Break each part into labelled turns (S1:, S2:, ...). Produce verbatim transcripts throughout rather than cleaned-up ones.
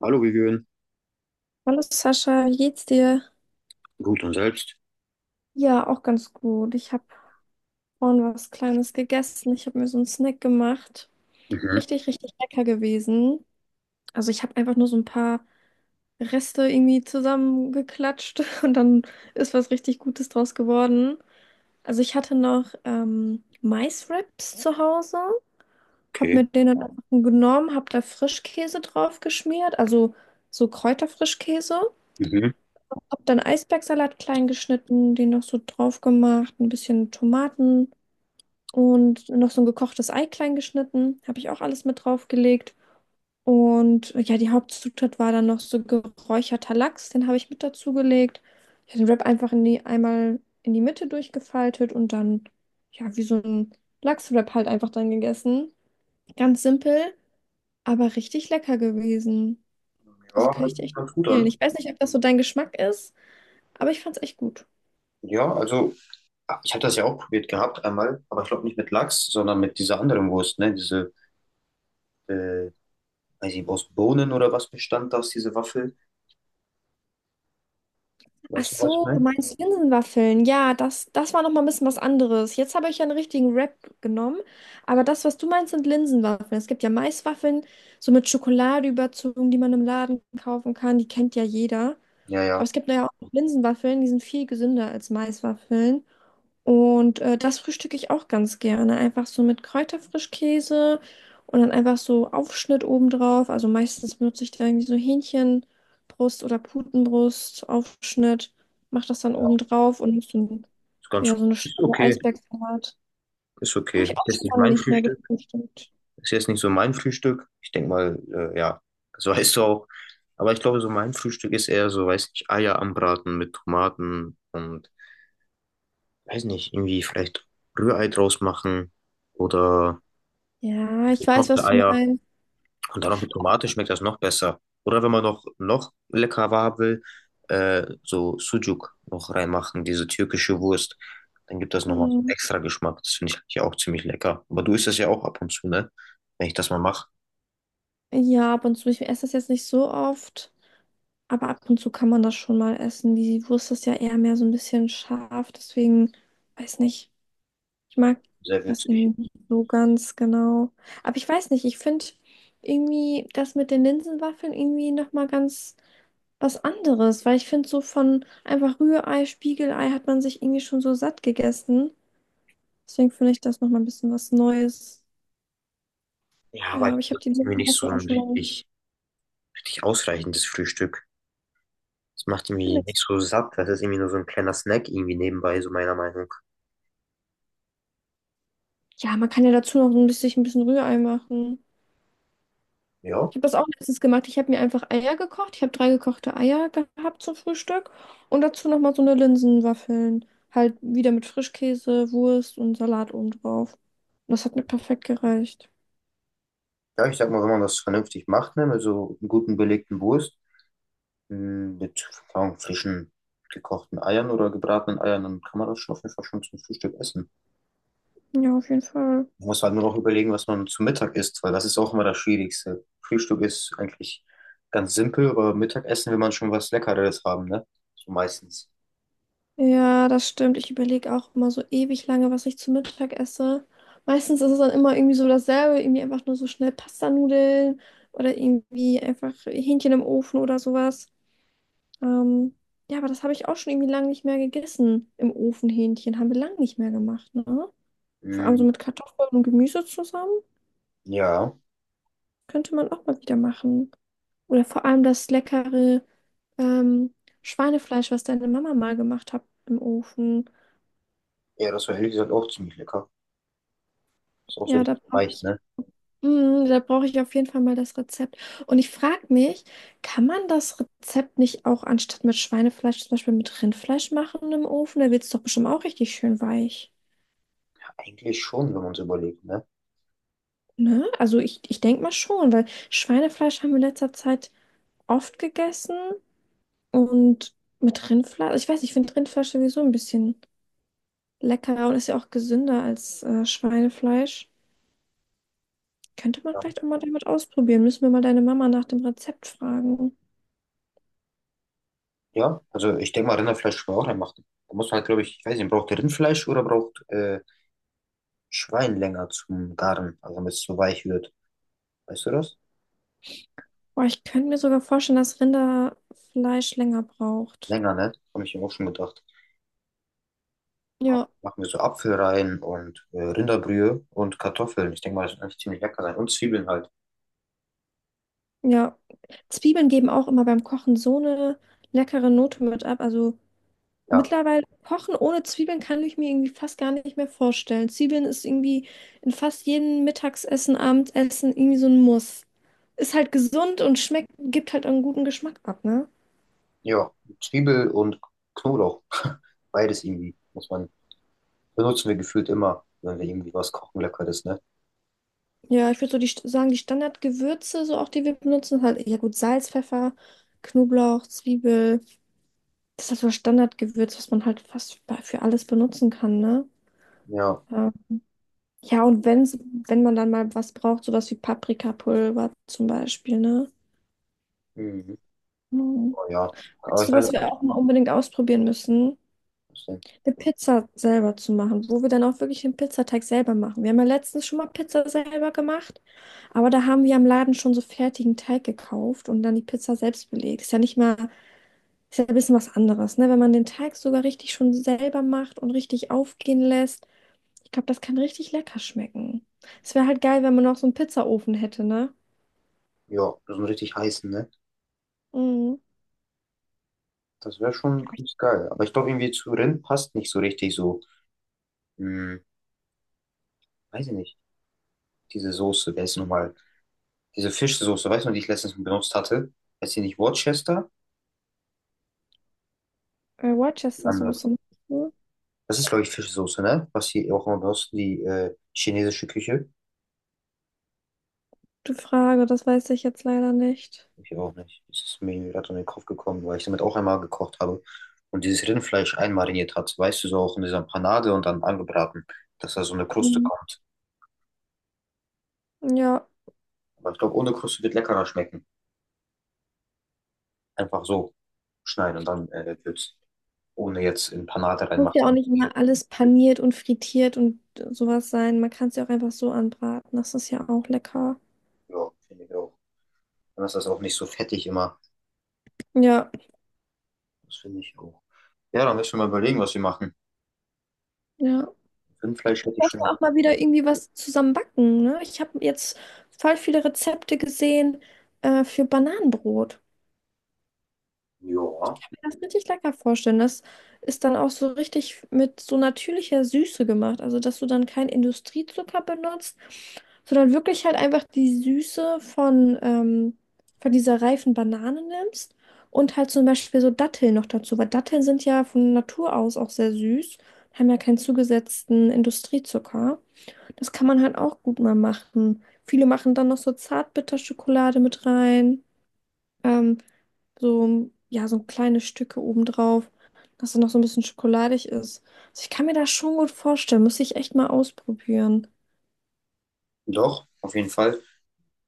S1: Hallo, Vivian.
S2: Hallo Sascha, wie geht's dir?
S1: Gut und selbst?
S2: Ja, auch ganz gut. Ich habe vorhin was Kleines gegessen. Ich habe mir so einen Snack gemacht.
S1: Mhm.
S2: Richtig, richtig lecker gewesen. Also ich habe einfach nur so ein paar Reste irgendwie zusammengeklatscht und dann ist was richtig Gutes draus geworden. Also ich hatte noch ähm, Maiswraps zu Hause, habe
S1: Okay.
S2: mir den dann einfach genommen, habe da Frischkäse drauf geschmiert, also so Kräuterfrischkäse.
S1: Mhm.
S2: Hab dann Eisbergsalat klein geschnitten, den noch so drauf gemacht, ein bisschen Tomaten und noch so ein gekochtes Ei klein geschnitten. Habe ich auch alles mit draufgelegt. Und äh, ja, die Hauptzutat war dann noch so geräucherter Lachs, den habe ich mit dazugelegt. Ich habe den Wrap einfach in die, einmal in die Mitte durchgefaltet und dann, ja, wie so ein Lachswrap halt einfach dann gegessen. Ganz simpel, aber richtig lecker gewesen. Also
S1: Ja,
S2: kann
S1: hört
S2: ich dir
S1: sich
S2: echt
S1: ganz gut
S2: empfehlen.
S1: an.
S2: Ich weiß nicht, ob das so dein Geschmack ist, aber ich fand es echt gut.
S1: Ja, also ah, ich hatte das ja auch probiert gehabt einmal, aber ich glaube nicht mit Lachs, sondern mit dieser anderen Wurst, ne? Diese, äh, weiß ich nicht, aus Bohnen oder was bestand das, diese Waffel?
S2: Ach
S1: Weißt du, was ich
S2: so, du
S1: meine?
S2: meinst Linsenwaffeln. Ja, das, das war noch mal ein bisschen was anderes. Jetzt habe ich ja einen richtigen Wrap genommen, aber das, was du meinst, sind Linsenwaffeln. Es gibt ja Maiswaffeln, so mit Schokolade überzogen, die man im Laden kaufen kann. Die kennt ja jeder.
S1: Ja,
S2: Aber
S1: ja.
S2: es gibt ja auch Linsenwaffeln, die sind viel gesünder als Maiswaffeln. Und äh, das frühstücke ich auch ganz gerne. Einfach so mit Kräuterfrischkäse und dann einfach so Aufschnitt obendrauf. Also meistens benutze ich da irgendwie so Hähnchenbrust oder Putenbrust, Aufschnitt, mache das dann obendrauf und so, ein,
S1: Ist ganz,
S2: ja, so eine
S1: ist
S2: Scheibe
S1: okay.
S2: Eisbergsalat.
S1: Ist
S2: Habe
S1: okay.
S2: ich auch
S1: Ist jetzt
S2: schon
S1: nicht
S2: lange
S1: mein
S2: nicht mehr
S1: Frühstück.
S2: gefrühstückt.
S1: Ist jetzt nicht so mein Frühstück. Ich denke mal, äh, ja, das weißt du auch. Aber ich glaube, so mein Frühstück ist eher so, weiß nicht, Eier anbraten mit Tomaten und weiß nicht, irgendwie vielleicht Rührei draus machen oder
S2: Ja, ich weiß,
S1: gekochte
S2: was du
S1: Eier
S2: meinst.
S1: und dann noch mit Tomate schmeckt das noch besser. Oder wenn man noch, noch leckerer haben will, äh, so Sucuk noch reinmachen, diese türkische Wurst. Dann gibt das nochmal so einen
S2: Hm.
S1: extra Geschmack. Das finde ich eigentlich auch ziemlich lecker. Aber du isst das ja auch ab und zu, ne? Wenn ich das mal mache.
S2: Ja, ab und zu, ich esse das jetzt nicht so oft, aber ab und zu kann man das schon mal essen. Die Wurst ist ja eher mehr so ein bisschen scharf, deswegen weiß nicht. Ich mag
S1: Sehr
S2: das
S1: witzig.
S2: irgendwie nicht so ganz genau. Aber ich weiß nicht, ich finde irgendwie das mit den Linsenwaffeln irgendwie nochmal ganz was anderes, weil ich finde so von einfach Rührei, Spiegelei hat man sich irgendwie schon so satt gegessen. Deswegen finde ich das nochmal ein bisschen was Neues.
S1: Ja, aber
S2: Ja,
S1: ich
S2: aber ich
S1: finde,
S2: habe die
S1: das ist irgendwie nicht so
S2: Linsenwaffel auch
S1: ein
S2: schon lange.
S1: richtig, richtig ausreichendes Frühstück. Das macht irgendwie
S2: Findest.
S1: nicht so satt. Das ist irgendwie nur so ein kleiner Snack irgendwie nebenbei, so meiner Meinung.
S2: Ja, man kann ja dazu noch ein bisschen, ein bisschen Rührei machen.
S1: Ja.
S2: Ich habe das auch letztens gemacht. Ich habe mir einfach Eier gekocht. Ich habe drei gekochte Eier gehabt zum Frühstück und dazu nochmal so eine Linsenwaffeln. Halt wieder mit Frischkäse, Wurst und Salat oben drauf. Und das hat mir perfekt gereicht.
S1: Ja, ich sag mal, wenn man das vernünftig macht, ne, mit so einem guten belegten Wurst, m, mit, keine Ahnung, frischen gekochten Eiern oder gebratenen Eiern, dann kann man das schon auf jeden Fall schon zum Frühstück essen.
S2: Ja, auf jeden Fall.
S1: Man muss halt nur noch überlegen, was man zum Mittag isst, weil das ist auch immer das Schwierigste. Frühstück ist eigentlich ganz simpel, aber Mittagessen will man schon was Leckeres haben, ne? So meistens.
S2: Ja, das stimmt. Ich überlege auch immer so ewig lange, was ich zu Mittag esse. Meistens ist es dann immer irgendwie so dasselbe, irgendwie einfach nur so schnell Pastanudeln oder irgendwie einfach Hähnchen im Ofen oder sowas. Ähm, ja, aber das habe ich auch schon irgendwie lange nicht mehr gegessen im Ofenhähnchen. Haben wir lange nicht mehr gemacht, ne? Vor allem so
S1: Mm,
S2: mit Kartoffeln und Gemüse zusammen.
S1: ja.
S2: Könnte man auch mal wieder machen. Oder vor allem das leckere ähm, Schweinefleisch, was deine Mama mal gemacht hat im Ofen.
S1: Ja, das war ehrlich gesagt auch ziemlich lecker. Ist auch so
S2: Ja, da
S1: richtig
S2: brauche
S1: leicht,
S2: ich,
S1: ne?
S2: Mm, da brauche ich auf jeden Fall mal das Rezept. Und ich frage mich, kann man das Rezept nicht auch anstatt mit Schweinefleisch zum Beispiel mit Rindfleisch machen im Ofen? Da wird es doch bestimmt auch richtig schön weich.
S1: Eigentlich schon, wenn man es überlegt, ne?
S2: Ne? Also ich, ich denke mal schon, weil Schweinefleisch haben wir in letzter Zeit oft gegessen und mit Rindfleisch, also ich weiß, ich finde Rindfleisch sowieso ein bisschen leckerer und ist ja auch gesünder als äh, Schweinefleisch. Könnte man vielleicht auch mal damit ausprobieren. Müssen wir mal deine Mama nach dem Rezept fragen.
S1: Ja, also ich denke mal, Rinderfleisch kann man auch reinmachen. Da muss man halt, glaube ich, ich weiß nicht, braucht Rindfleisch oder braucht äh, Schwein länger zum Garen, also damit es so weich wird. Weißt du das?
S2: Boah, ich könnte mir sogar vorstellen, dass Rinderfleisch länger braucht.
S1: Länger, ne? Habe ich mir auch schon gedacht.
S2: Ja,
S1: Machen wir so Apfel rein und äh, Rinderbrühe und Kartoffeln. Ich denke mal, das wird eigentlich ziemlich lecker sein. Und Zwiebeln halt.
S2: ja. Zwiebeln geben auch immer beim Kochen so eine leckere Note mit ab. Also
S1: Ja,
S2: mittlerweile kochen ohne Zwiebeln kann ich mir irgendwie fast gar nicht mehr vorstellen. Zwiebeln ist irgendwie in fast jedem Mittagsessen, Abendessen irgendwie so ein Muss. Ist halt gesund und schmeckt, gibt halt einen guten Geschmack ab, ne?
S1: ja, Zwiebel und Knoblauch. Beides irgendwie muss man, benutzen wir gefühlt immer, wenn wir irgendwie was kochen, Leckeres, ne?
S2: Ja, ich würde so die, St- sagen, die Standardgewürze, so auch die wir benutzen, halt, ja gut, Salz, Pfeffer, Knoblauch, Zwiebel. Das ist halt so das Standardgewürz, was man halt fast bei- für alles benutzen kann, ne?
S1: Ja,
S2: Ja, ja und wenn's, wenn man dann mal was braucht, sowas wie Paprikapulver zum Beispiel, ne?
S1: mhm.
S2: Mhm.
S1: Oh, ja. Aber
S2: Weißt
S1: ich
S2: du,
S1: weiß
S2: was wir
S1: nicht,
S2: auch mal unbedingt ausprobieren müssen?
S1: was denn.
S2: Eine Pizza selber zu machen, wo wir dann auch wirklich den Pizzateig selber machen. Wir haben ja letztens schon mal Pizza selber gemacht, aber da haben wir am Laden schon so fertigen Teig gekauft und dann die Pizza selbst belegt. Ist ja nicht mal, ist ja ein bisschen was anderes, ne? Wenn man den Teig sogar richtig schon selber macht und richtig aufgehen lässt. Ich glaube, das kann richtig lecker schmecken. Es wäre halt geil, wenn man noch so einen Pizzaofen hätte, ne?
S1: Ja, so einen richtig heißen, ne?
S2: Mhm.
S1: Das wäre schon ganz geil. Aber ich glaube, irgendwie zu Rind passt nicht so richtig so. Hm, weiß ich nicht. Diese Soße, wer ist nochmal? Diese Fischsoße, weißt du, die ich letztens benutzt hatte? Heißt die nicht Worcester?
S2: Äh,
S1: Anders.
S2: Worcester-Soße. Meinst du?
S1: Das ist, glaube ich, Fischsoße, ne? Was sie auch immer benutzen, die äh, chinesische Küche.
S2: Gute Frage, das weiß ich jetzt leider nicht.
S1: Ich auch nicht. Das ist mir gerade in den Kopf gekommen, weil ich damit auch einmal gekocht habe und dieses Rindfleisch einmariniert hat. Weißt du, so auch in dieser Panade und dann angebraten, dass da so eine Kruste
S2: Mhm.
S1: kommt.
S2: Ja,
S1: Aber ich glaube, ohne Kruste wird leckerer schmecken. Einfach so schneiden und dann äh, wird's. Ohne jetzt in Panade
S2: muss ja auch
S1: reinmachen.
S2: nicht immer alles paniert und frittiert und sowas sein. Man kann es ja auch einfach so anbraten. Das ist ja auch lecker.
S1: Ja, finde ich auch. Dann ist das auch nicht so fettig immer.
S2: Ja,
S1: Das finde ich auch. Ja, dann müssen wir mal überlegen, was wir machen.
S2: ja.
S1: Rindfleisch hätte ich
S2: Ich
S1: schon.
S2: auch mal wieder irgendwie was zusammen backen, ne? Ich habe jetzt voll viele Rezepte gesehen, äh, für Bananenbrot.
S1: Ja,
S2: Das richtig lecker vorstellen. Das ist dann auch so richtig mit so natürlicher Süße gemacht. Also, dass du dann keinen Industriezucker benutzt, sondern wirklich halt einfach die Süße von, ähm, von dieser reifen Banane nimmst und halt zum Beispiel so Datteln noch dazu, weil Datteln sind ja von Natur aus auch sehr süß, haben ja keinen zugesetzten Industriezucker. Das kann man halt auch gut mal machen. Viele machen dann noch so Zartbitterschokolade mit rein. Ähm, so, ja, so kleine Stücke obendrauf, dass es noch so ein bisschen schokoladig ist. Also ich kann mir das schon gut vorstellen. Müsste ich echt mal ausprobieren.
S1: doch, auf jeden Fall.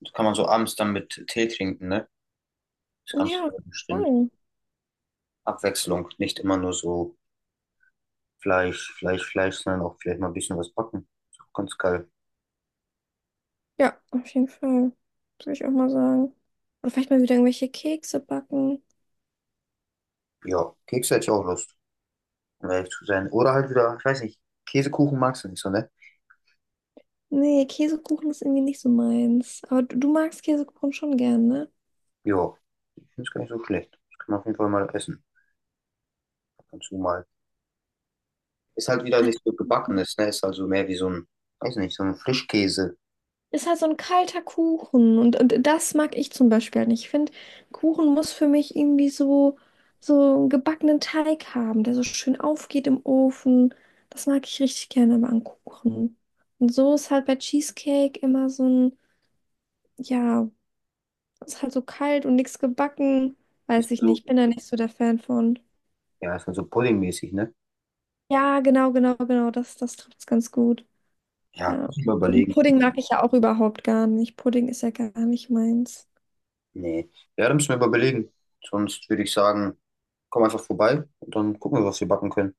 S1: Das kann man so abends dann mit Tee trinken, ne? Ist ganz
S2: Ja,
S1: bestimmt.
S2: voll.
S1: Abwechslung. Nicht immer nur so Fleisch, Fleisch, Fleisch, sondern auch vielleicht mal ein bisschen was backen. Ist auch ganz geil.
S2: Ja, auf jeden Fall. Würde ich auch mal sagen. Oder vielleicht mal wieder irgendwelche Kekse backen.
S1: Ja, Kekse hätte ich auch Lust, um ehrlich zu sein. Oder halt wieder, ich weiß nicht, Käsekuchen magst du nicht so, ne?
S2: Nee, Käsekuchen ist irgendwie nicht so meins. Aber du, du magst Käsekuchen schon gern, ne?
S1: Ja, ich finde es gar nicht so schlecht. Das kann man auf jeden Fall mal essen. Ab und zu mal. Ist halt wieder nicht so gebackenes, ne? Ist also mehr wie so ein, weiß nicht, so ein Frischkäse.
S2: Ist halt so ein kalter Kuchen und, und das mag ich zum Beispiel halt nicht. Ich finde, Kuchen muss für mich irgendwie so, so einen gebackenen Teig haben, der so schön aufgeht im Ofen. Das mag ich richtig gerne aber an Kuchen. Und so ist halt bei Cheesecake immer so ein, ja, ist halt so kalt und nichts gebacken.
S1: Ist
S2: Weiß
S1: halt
S2: ich
S1: so,
S2: nicht, bin da nicht so der Fan von.
S1: ja, ist halt so puddingmäßig, ne?
S2: Ja, genau, genau, genau, das, das trifft's ganz gut.
S1: Ja,
S2: Ja.
S1: müssen wir
S2: Und
S1: überlegen.
S2: Pudding mag ich ja auch überhaupt gar nicht. Pudding ist ja gar nicht meins.
S1: Nee. Ja, da müssen wir überlegen. Sonst würde ich sagen, komm einfach vorbei und dann gucken wir, was wir backen können.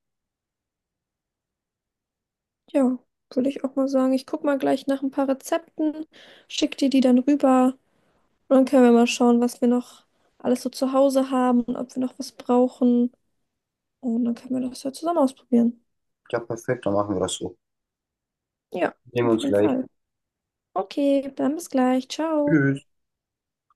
S2: Ja, würde ich auch mal sagen. Ich guck mal gleich nach ein paar Rezepten, schick dir die dann rüber und dann können wir mal schauen, was wir noch alles so zu Hause haben und ob wir noch was brauchen. Und dann können wir das ja zusammen ausprobieren.
S1: Ja, perfekt, dann machen wir das so.
S2: Ja,
S1: Sehen wir
S2: auf
S1: uns
S2: jeden
S1: gleich.
S2: Fall. Okay, dann bis gleich. Ciao.
S1: Tschüss.